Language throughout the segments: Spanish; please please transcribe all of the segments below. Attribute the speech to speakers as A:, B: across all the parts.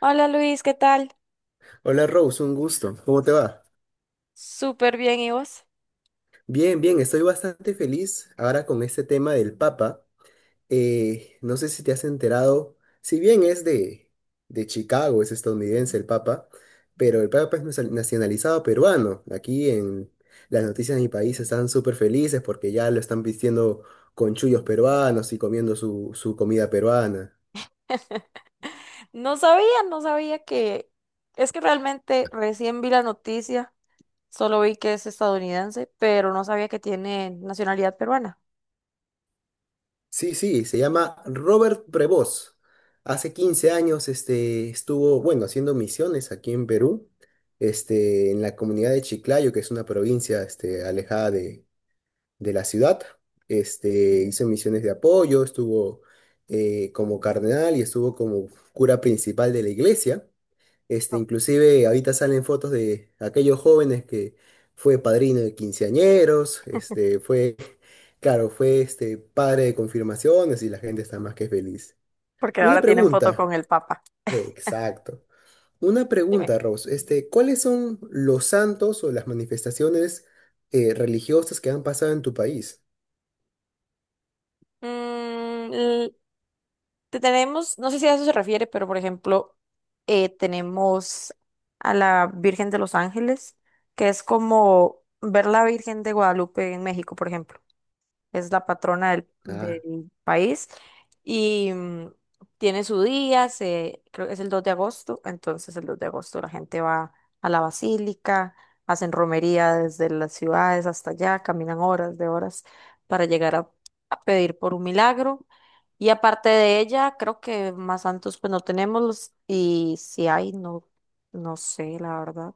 A: Hola Luis, ¿qué tal?
B: Hola Rose, un gusto. ¿Cómo te va?
A: Súper bien, ¿y vos?
B: Bien, bien, estoy bastante feliz ahora con este tema del Papa. No sé si te has enterado, si bien es de Chicago, es estadounidense el Papa, pero el Papa es nacionalizado peruano. Aquí en las noticias de mi país están súper felices porque ya lo están vistiendo con chullos peruanos y comiendo su comida peruana.
A: No sabía, no sabía que Es que realmente recién vi la noticia, solo vi que es estadounidense, pero no sabía que tiene nacionalidad peruana.
B: Sí, sí, se llama Robert Prevost. Hace 15 años estuvo, bueno, haciendo misiones aquí en Perú, en la comunidad de Chiclayo, que es una provincia alejada de la ciudad. Hizo misiones de apoyo, estuvo como cardenal y estuvo como cura principal de la iglesia. Inclusive ahorita salen fotos de aquellos jóvenes que fue padrino de quinceañeros, este, fue claro, fue padre de confirmaciones y la gente está más que feliz.
A: Porque
B: Una
A: ahora tienen foto
B: pregunta.
A: con el Papa.
B: Exacto. Una
A: Dime.
B: pregunta, Rose. ¿Cuáles son los santos o las manifestaciones religiosas que han pasado en tu país?
A: Mm, l- Te tenemos, no sé si a eso se refiere, pero por ejemplo, tenemos a la Virgen de los Ángeles, que es como ver la Virgen de Guadalupe en México, por ejemplo. Es la patrona del,
B: Ah,
A: del país y tiene su día, se, creo que es el 2 de agosto. Entonces el 2 de agosto la gente va a la basílica, hacen romería desde las ciudades hasta allá, caminan horas de horas para llegar a pedir por un milagro. Y aparte de ella, creo que más santos pues no tenemos, y si hay, no, no sé, la verdad,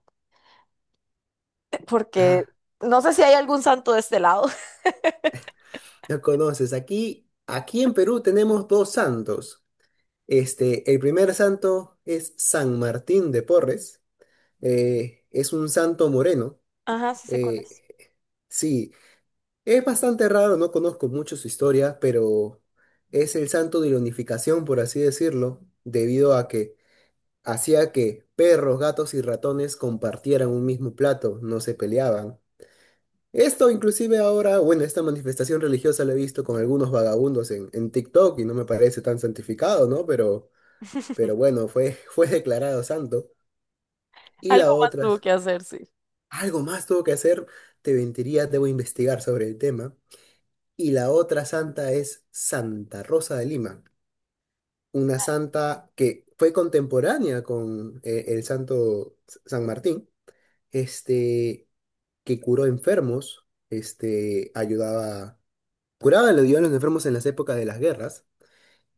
A: porque
B: ah,
A: no sé si hay algún santo de este lado.
B: ya conoces. Aquí en Perú tenemos dos santos. El primer santo es San Martín de Porres. Es un santo moreno.
A: Ajá, sí sé cuál
B: Eh,
A: es.
B: sí. Es bastante raro, no conozco mucho su historia, pero es el santo de la unificación, por así decirlo, debido a que hacía que perros, gatos y ratones compartieran un mismo plato, no se peleaban. Esto inclusive ahora, bueno, esta manifestación religiosa la he visto con algunos vagabundos en TikTok y no me parece tan santificado, ¿no? Pero bueno, fue, fue declarado santo. Y la
A: Algo más
B: otra,
A: tuvo que hacer, sí.
B: algo más tuvo que hacer, te mentiría, debo investigar sobre el tema. Y la otra santa es Santa Rosa de Lima, una santa que fue contemporánea con el santo San Martín, este, que curó enfermos, ayudaba, curaba, le ayudaba a los enfermos en las épocas de las guerras,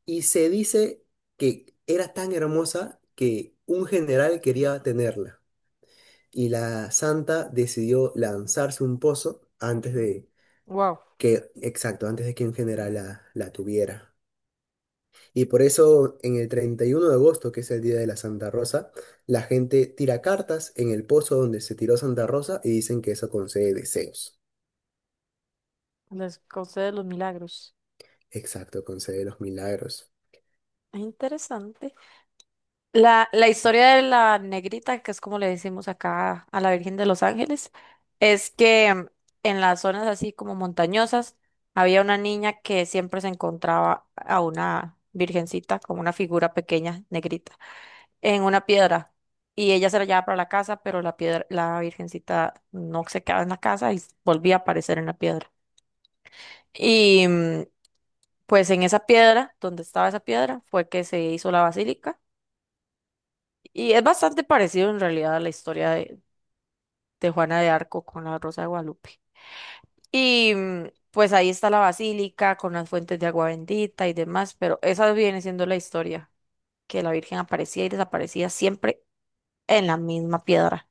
B: y se dice que era tan hermosa que un general quería tenerla, y la santa decidió lanzarse un pozo antes de
A: Wow,
B: que, exacto, antes de que un general la tuviera. Y por eso en el 31 de agosto, que es el día de la Santa Rosa, la gente tira cartas en el pozo donde se tiró Santa Rosa y dicen que eso concede deseos.
A: les concede los milagros.
B: Exacto, concede los milagros.
A: Es interesante. La historia de la negrita, que es como le decimos acá a la Virgen de los Ángeles, es que en las zonas así como montañosas había una niña que siempre se encontraba a una virgencita, como una figura pequeña, negrita, en una piedra. Y ella se la llevaba para la casa, pero la piedra, la virgencita no se quedaba en la casa y volvía a aparecer en la piedra. y mm, Pues en esa piedra, donde estaba esa piedra, fue que se hizo la basílica. Y es bastante parecido en realidad a la historia de Juana de Arco con la Rosa de Guadalupe. Pues ahí está la basílica con las fuentes de agua bendita y demás, pero esa viene siendo la historia, que la Virgen aparecía y desaparecía siempre en la misma piedra.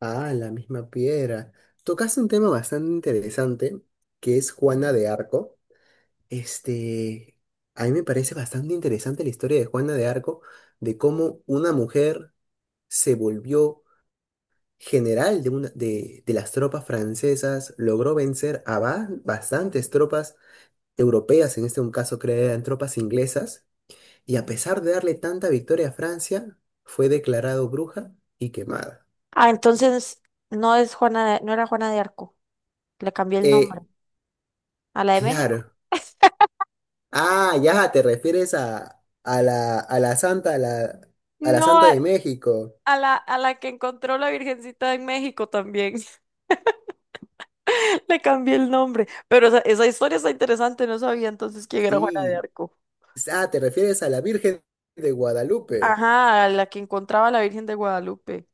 B: Ah, la misma piedra. Tocaste un tema bastante interesante, que es Juana de Arco. Este, a mí me parece bastante interesante la historia de Juana de Arco, de cómo una mujer se volvió general de las tropas francesas, logró vencer a bastantes tropas europeas, en este caso creo que eran tropas inglesas, y a pesar de darle tanta victoria a Francia, fue declarado bruja y quemada.
A: Ah, entonces no es Juana de- no era Juana de Arco, le cambié el nombre
B: Eh,
A: a la de México.
B: claro. Ah, ya, te refieres a la,
A: No,
B: Santa de México.
A: a la que encontró la Virgencita en México también. Le cambié el nombre. Pero esa historia está interesante, no sabía entonces quién era Juana de
B: Sí.
A: Arco.
B: Ah, te refieres a la Virgen de Guadalupe.
A: Ajá, la que encontraba a la Virgen de Guadalupe.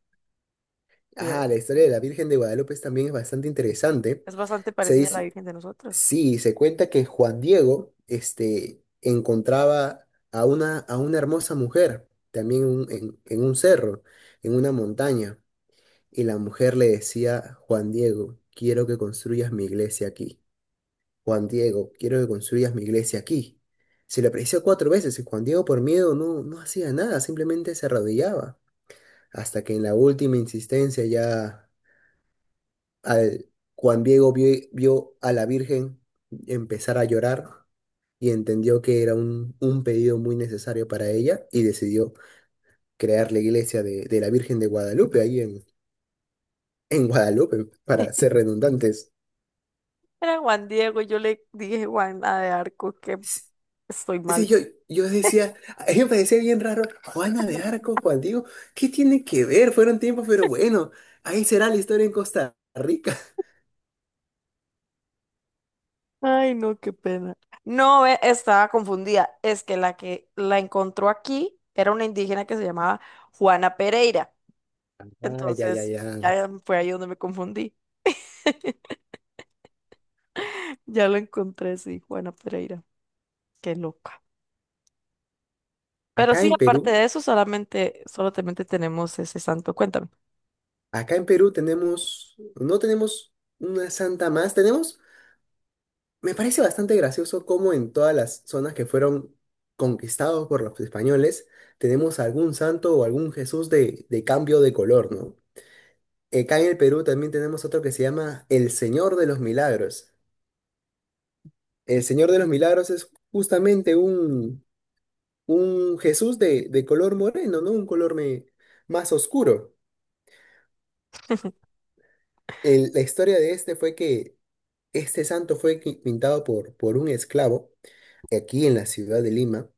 A: Oye,
B: Ah, la historia de la Virgen de Guadalupe también es bastante interesante.
A: es bastante
B: Se
A: parecida a la
B: dice,
A: Virgen de nosotros.
B: Sí, se cuenta que Juan Diego, encontraba a una hermosa mujer, también en un cerro, en una montaña, y la mujer le decía, Juan Diego, quiero que construyas mi iglesia aquí. Juan Diego, quiero que construyas mi iglesia aquí. Se le apareció cuatro veces y Juan Diego por miedo no, no hacía nada, simplemente se arrodillaba, hasta que en la última insistencia ya al, Juan Diego vio, a la Virgen empezar a llorar y entendió que era un pedido muy necesario para ella y decidió crear la iglesia de la Virgen de Guadalupe ahí en Guadalupe, para ser redundantes.
A: Era Juan Diego, y yo le dije Juana de Arco, que estoy
B: Sí,
A: mal.
B: yo decía, a mí me parecía bien raro, Juana de Arco, Juan Diego, ¿qué tiene que ver? Fueron tiempos, pero bueno, ahí será la historia en Costa Rica.
A: Ay, no, qué pena. No, ve, estaba confundida. Es que la encontró aquí era una indígena que se llamaba Juana Pereira.
B: Ah, ya, ya,
A: Entonces,
B: ya.
A: ya fue ahí donde me confundí. Ya lo encontré, sí, Juana Pereira. Qué loca. Pero
B: Acá
A: sí,
B: en
A: aparte
B: Perú,
A: de eso, solamente tenemos ese santo. Cuéntame.
B: acá en Perú no tenemos una santa más, tenemos. Me parece bastante gracioso cómo en todas las zonas que fueron conquistados por los españoles tenemos algún santo o algún Jesús de cambio de color, ¿no? Acá en el Perú también tenemos otro que se llama el Señor de los Milagros. El Señor de los Milagros es justamente un Jesús de color moreno, ¿no? Un color más oscuro. La historia de este fue que este santo fue pintado por un esclavo aquí en la ciudad de Lima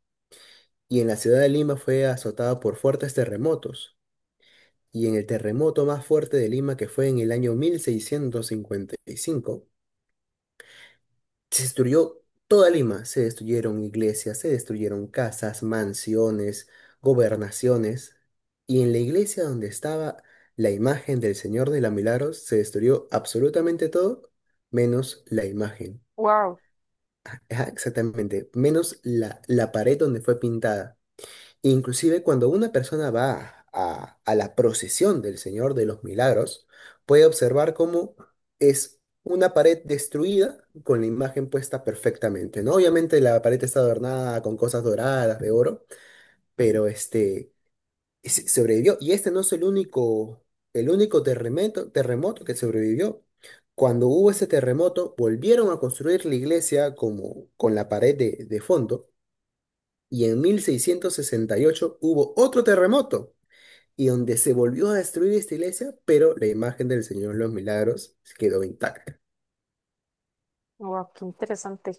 B: y en la ciudad de Lima fue azotada por fuertes terremotos. Y en el terremoto más fuerte de Lima, que fue en el año 1655, se destruyó toda Lima. Se destruyeron iglesias, se destruyeron casas, mansiones, gobernaciones. Y en la iglesia donde estaba la imagen del Señor de la Milagros, se destruyó absolutamente todo, menos la imagen.
A: Wow,
B: Ajá, exactamente, menos la pared donde fue pintada. Inclusive cuando una persona va a la procesión del Señor de los Milagros, puede observar cómo es una pared destruida con la imagen puesta perfectamente, ¿no? Obviamente la pared está adornada con cosas doradas, de oro, pero sobrevivió. Y este no es el único terremoto que sobrevivió. Cuando hubo ese terremoto, volvieron a construir la iglesia como con la pared de fondo y en 1668 hubo otro terremoto, y donde se volvió a destruir esta iglesia, pero la imagen del Señor de los Milagros quedó intacta.
A: wow, qué interesante.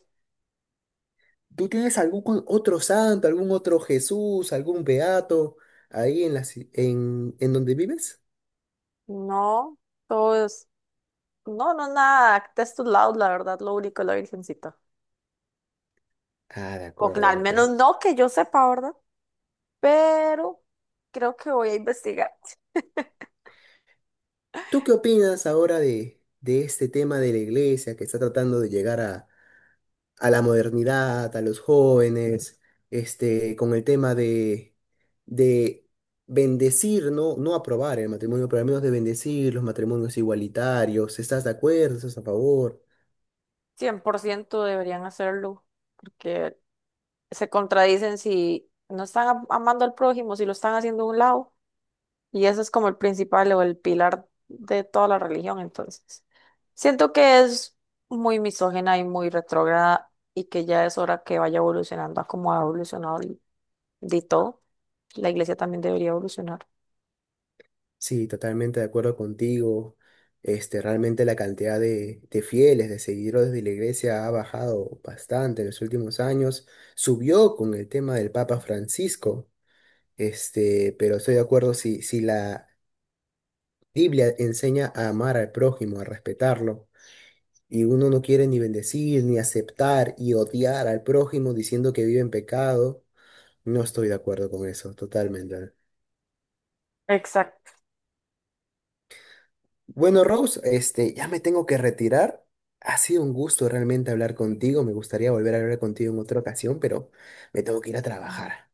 B: ¿Tú tienes algún otro santo, algún otro Jesús, algún beato ahí en, la, ci- en donde vives?
A: No, todo es, no, no, nada, textos lados, la verdad, lo único es la Virgencita.
B: Ah, de
A: O que
B: acuerdo, de
A: al menos
B: acuerdo.
A: no que yo sepa, ¿verdad? Pero creo que voy a investigar.
B: ¿Tú qué opinas ahora de este tema de la iglesia que está tratando de llegar a la modernidad, a los jóvenes, con el tema de bendecir, no, no aprobar el matrimonio, pero al menos de bendecir los matrimonios igualitarios? ¿Estás de acuerdo? ¿Estás a favor?
A: 100% deberían hacerlo, porque se contradicen si no están am- amando al prójimo, si lo están haciendo a un lado. Y eso es como el principal o el pilar de toda la religión, entonces. Siento que es muy misógena y muy retrógrada y que ya es hora que vaya evolucionando a como ha evolucionado el- de todo. La iglesia también debería evolucionar.
B: Sí, totalmente de acuerdo contigo. Realmente la cantidad de fieles, de seguidores de la iglesia ha bajado bastante en los últimos años. Subió con el tema del Papa Francisco. Pero estoy de acuerdo si la Biblia enseña a amar al prójimo, a respetarlo, y uno no quiere ni bendecir, ni aceptar y odiar al prójimo diciendo que vive en pecado. No estoy de acuerdo con eso, totalmente.
A: Exacto.
B: Bueno, Rose, ya me tengo que retirar. Ha sido un gusto realmente hablar contigo. Me gustaría volver a hablar contigo en otra ocasión, pero me tengo que ir a trabajar.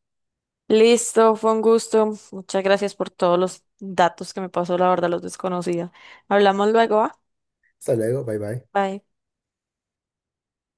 A: Listo, fue un gusto. Muchas gracias por todos los datos que me pasó, la verdad los desconocía. Hablamos luego, ¿va?
B: Hasta luego, bye bye.
A: Bye.